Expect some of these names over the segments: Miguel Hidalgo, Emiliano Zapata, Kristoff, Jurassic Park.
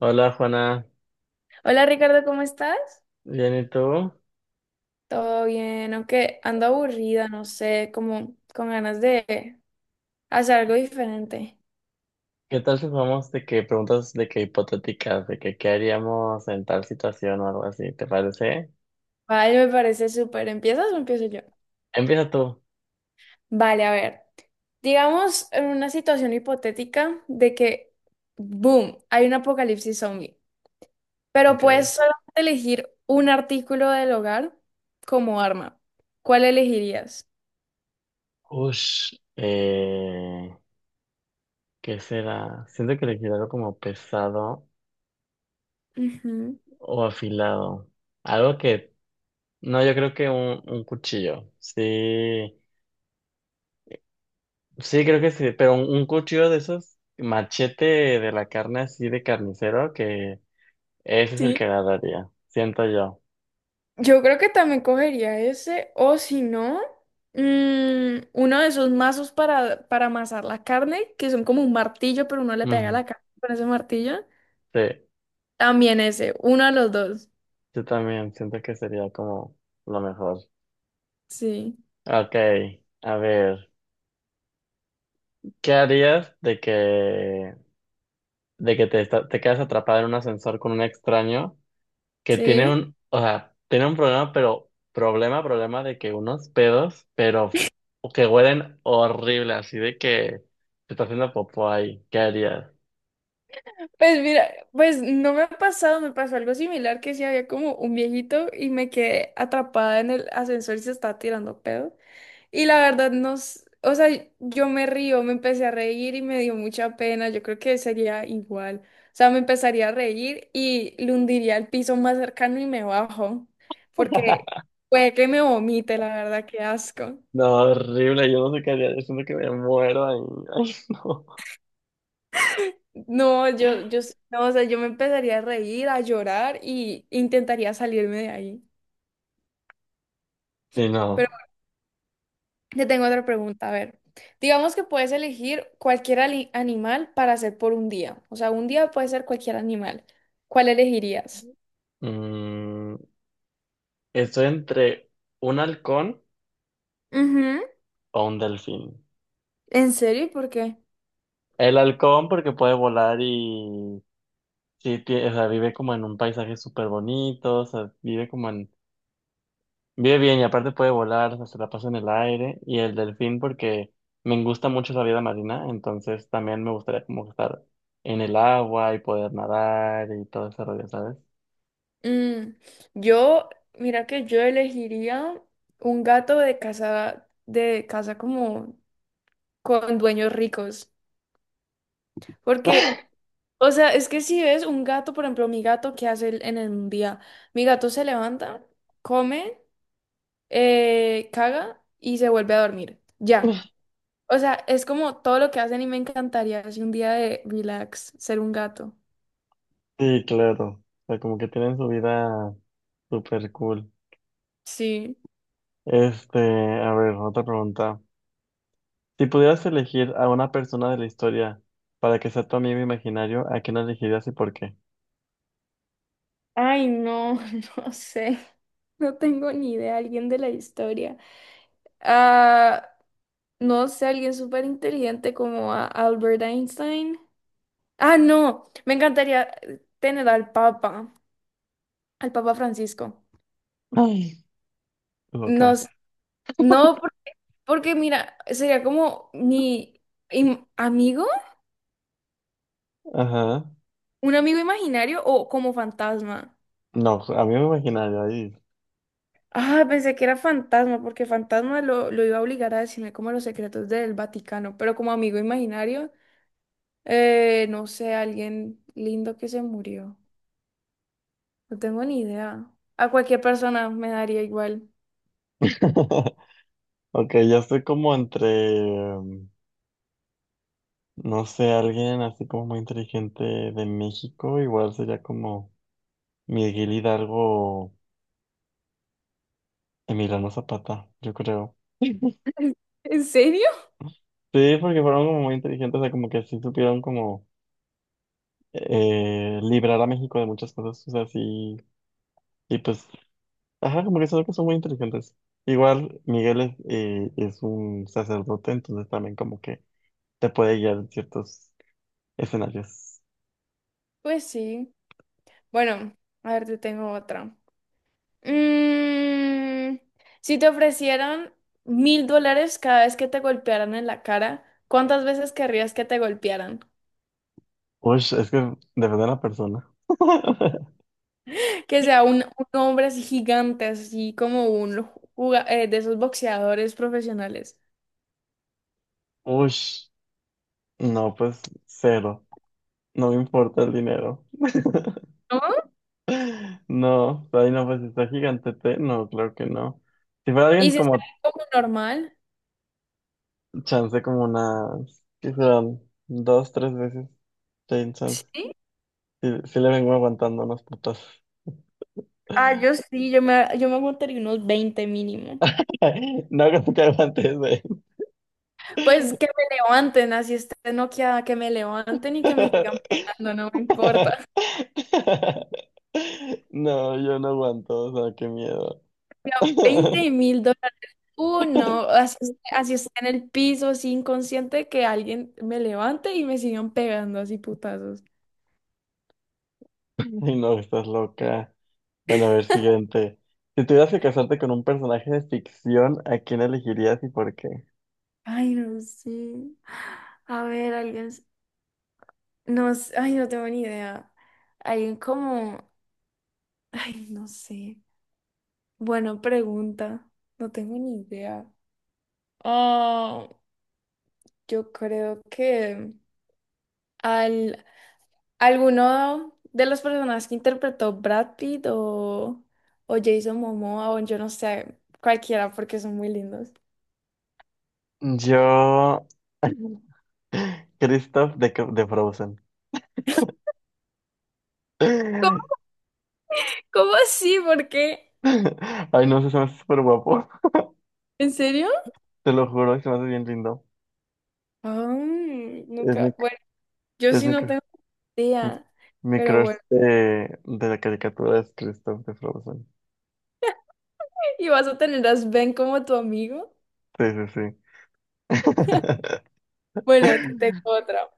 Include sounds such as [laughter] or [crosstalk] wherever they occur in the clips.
Hola Juana, Hola Ricardo, ¿cómo estás? ¿bien y tú? Todo bien, aunque ando aburrida, no sé, como con ganas de hacer algo diferente. ¿Qué tal si vamos de que preguntas de que hipotéticas, de que qué haríamos en tal situación o algo así, ¿te parece? Vale, me parece súper. ¿Empiezas o empiezo yo? Empieza tú. Vale, a ver. Digamos en una situación hipotética de que, boom, hay un apocalipsis zombie, pero Ok. puedes solamente elegir un artículo del hogar como arma. ¿Cuál elegirías? Ush. ¿Qué será? Siento que elegir algo como pesado Ujú. o afilado. Algo que, no, yo creo que un cuchillo. Sí, sí, creo que sí, pero un cuchillo de esos machete de la carne así de carnicero, que ese es el Sí. que agarraría, siento yo. Yo creo que también cogería ese, o si no, uno de esos mazos para amasar la carne, que son como un martillo, pero uno le pega Ujú. la carne con ese martillo. Sí, También ese, uno de los dos. yo también siento que sería como lo mejor. Sí, Ok, a ver, ¿qué harías de que te, te quedas atrapada en un ascensor con un extraño que tiene sí. un, o sea, tiene un problema, pero problema, problema de que unos pedos, pero que huelen horrible, así de que te está haciendo popó ahí, ¿qué harías? Pues mira, pues no me ha pasado, me pasó algo similar que sí había como un viejito y me quedé atrapada en el ascensor y se estaba tirando pedo. Y la verdad, o sea, yo me río, me empecé a reír y me dio mucha pena. Yo creo que sería igual. O sea, me empezaría a reír y le hundiría al piso más cercano y me bajo, porque [laughs] puede que me vomite, la verdad, qué asco. No, horrible, yo no sé qué haría, yo siento que me muero ahí. [laughs] No, no, o sea, yo me empezaría a reír, a llorar y intentaría salirme de ahí. Ay, no. Y no. Te tengo otra pregunta, a ver. Digamos que puedes elegir cualquier animal para hacer por un día. O sea, un día puede ser cualquier animal. ¿Cuál elegirías? Mm, estoy entre un halcón Ujú. o un delfín. ¿En serio? ¿Por qué? El halcón porque puede volar y sí, o sea, vive como en un paisaje súper bonito, o sea, vive como en, vive bien y aparte puede volar, o sea, se la pasa en el aire. Y el delfín porque me gusta mucho la vida marina, entonces también me gustaría como estar en el agua y poder nadar y todo ese rollo, ¿sabes? Mm, yo, mira que yo elegiría un gato de casa, como con dueños ricos. Porque, o sea, es que si ves un gato, por ejemplo, mi gato, ¿qué hace él en el día? Mi gato se levanta, come, caga y se vuelve a dormir. Ya. O sea, es como todo lo que hacen y me encantaría así un día de relax, ser un gato. Sí, claro. O sea, como que tienen su vida súper cool. Sí. Este, a ver, otra pregunta. Si pudieras elegir a una persona de la historia para que sea tu amigo imaginario, ¿a quién elegirías y por qué? Ay, no, [laughs] no sé. No tengo ni idea, alguien de la historia. Ah, no sé, alguien súper inteligente como a Albert Einstein. Ah, no, me encantaría tener al Papa Francisco. Ay. No, Loca. sé, no, porque mira, sería como mi amigo. Ajá. ¿Un amigo imaginario o como fantasma? No, pues, amigo imaginario, ahí. Ah, pensé que era fantasma, porque fantasma lo iba a obligar a decirme como los secretos del Vaticano, pero como amigo imaginario, no sé, alguien lindo que se murió. No tengo ni idea. A cualquier persona me daría igual. [laughs] Ok, yo estoy como entre, mm, no sé, alguien así como muy inteligente de México, igual sería como Miguel Hidalgo, Emiliano Zapata, yo creo. [laughs] ¿En serio? Sí, porque fueron como muy inteligentes, o sea, como que sí supieron como librar a México de muchas cosas, o sea, sí, y pues ajá, como que son cosas muy inteligentes. Igual Miguel es un sacerdote, entonces también como que te puede guiar en ciertos escenarios. Pues sí. Bueno, a ver, te tengo otra. Mm, si te ofrecieran $1,000 cada vez que te golpearan en la cara, ¿cuántas veces querrías que te golpearan? Uy, es que depende de la persona. [laughs] Que sea un hombre así gigante, así como un de esos boxeadores profesionales. Uy, no, pues cero. No me importa el dinero. ¿No? [laughs] No, ahí no, pues si está gigantete. No, claro que no. Si fuera Y alguien si como sale como normal. chance, como unas, ¿qué serán? Dos, tres veces, ten chance. Sí. Si, le vengo aguantando unas putas. Ah, yo sí, yo me aguantaría unos 20 mínimo. [laughs] No creo que aguantes de Pues que me levanten, así esté noqueada, que me levanten y que me sigan [laughs] pegando, no me importa. No, yo no aguanto, o sea, qué miedo. [laughs] $20,000. Uno, así, así esté en el piso, así inconsciente, que alguien me levante y me sigan pegando así putazos. Y no, estás loca. Bueno, a ver, siguiente. Si tuvieras que casarte con un personaje de ficción, ¿a quién elegirías y por qué? Ay, no sé. A ver, alguien. No, ay, no tengo ni idea. Hay como, ay, no sé. Buena pregunta. No tengo ni idea. Ah, yo creo que al alguno de los personajes que interpretó Brad Pitt o Jason Momoa o yo no sé, cualquiera porque son muy lindos. Yo, [laughs] Kristoff de Frozen. [laughs] ¿Cómo, cómo así? ¿Por qué? Ay, no sé, se me hace súper guapo. ¿En serio? Te lo juro, se me hace bien lindo. Ah, Es mi, nunca. Bueno, yo es sí mi no tengo Mi idea, mi pero crush bueno. De la caricatura es Kristoff de Frozen. [laughs] ¿Y vas a tener a Sven como tu amigo? Sí, sí, sí. [laughs] Bueno, te tengo otra.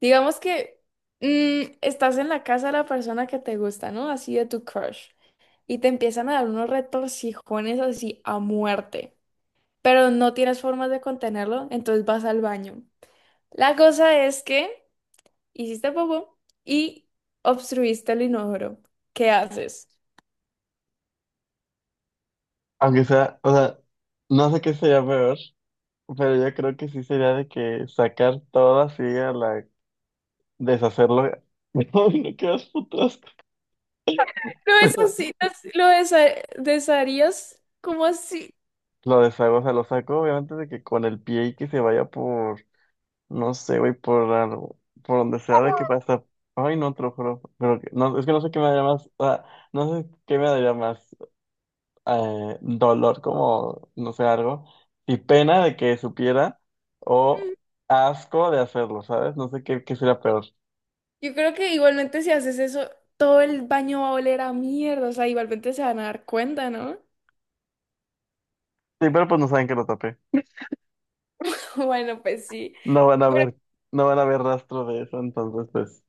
Digamos que estás en la casa de la persona que te gusta, ¿no? Así de tu crush. Y te empiezan a dar unos retorcijones así a muerte. Pero no tienes formas de contenerlo, entonces vas al baño. La cosa es que hiciste popó y obstruiste el inodoro. ¿Qué haces? Aunque sea, o sea, no sé qué sería peor, pero yo creo que sí sería de que sacar todo así a la deshacerlo. [laughs] No, no quedas putrasco. ¿Lo [laughs] desharías? ¿Cómo así? Lo deshago, o sea, lo saco obviamente de que con el pie y que se vaya por, no sé, güey, por algo, por donde sea de que pasa. Ay, no, te lo juro, pero no, es que no sé qué me daría más, o sea, no sé qué me daría más. Dolor como, no sé, algo, y pena de que supiera, o asco de hacerlo, ¿sabes? No sé qué, qué sería peor. Yo creo que igualmente si haces eso, todo el baño va a oler a mierda, o sea, igualmente se van a dar cuenta, ¿no? Sí, pero pues no saben que lo tapé. [laughs] Bueno, pues sí. No van a Pero, ver, no van a ver rastro de eso, entonces pues.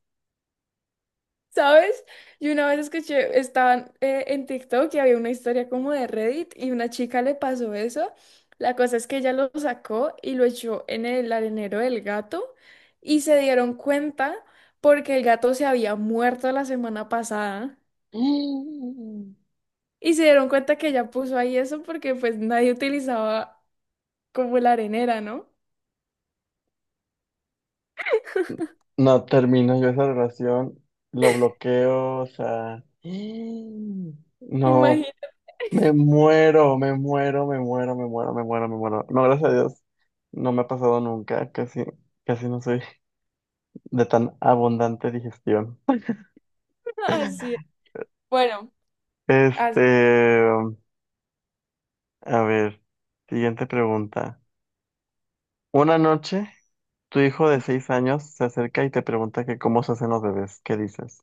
¿sabes? Yo una vez escuché, estaban en TikTok y había una historia como de Reddit y una chica le pasó eso. La cosa es que ella lo sacó y lo echó en el arenero del gato y se dieron cuenta porque el gato se había muerto la semana pasada Mm. y se dieron cuenta que ella puso ahí eso porque pues nadie utilizaba como la arenera, ¿no? No termino yo esa relación, lo bloqueo, o sea. Mm. No, Imagina, me muero, me muero, me muero, me muero, me muero, me muero No, gracias a Dios, no me ha pasado nunca, casi, casi no soy de tan abundante digestión. [laughs] así es. [laughs] Bueno, as- Este, a ver, siguiente pregunta. Una noche, tu hijo de 6 años se acerca y te pregunta que cómo se hacen los bebés. ¿Qué dices?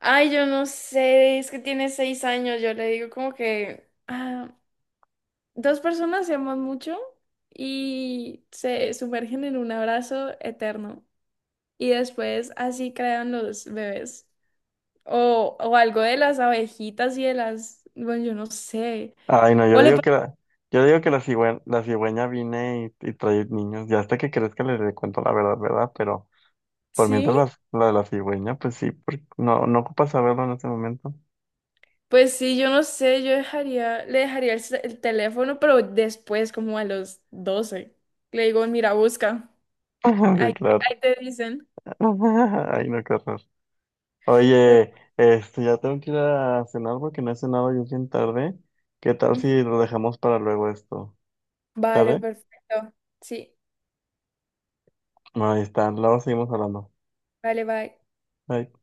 ay, yo no sé, es que tiene 6 años, yo le digo como que dos personas se aman mucho y se sumergen en un abrazo eterno y después así crean los bebés. O algo de las abejitas y de las, bueno, yo no sé. Ay, no, yo O le le, digo pa- que la, yo le digo que la la cigüeña viene y trae niños. Ya hasta que crezca le cuento la verdad, ¿verdad? Pero por sí, mientras la de la cigüeña, pues sí, porque no, no ocupa saberlo en ese momento. pues sí, yo no sé, le dejaría el teléfono, pero después como a los 12, le digo, mira, busca. [laughs] Sí, Ahí, claro. ahí te dicen. [laughs] Ay, no, qué horror. Oye, este, ya tengo que ir a cenar porque no he cenado y es bien tarde. ¿Qué tal Ujú. si lo dejamos para luego esto? Vale, ¿Sale? perfecto. Sí, No, ahí está, luego seguimos hablando. vale, bye. Bye.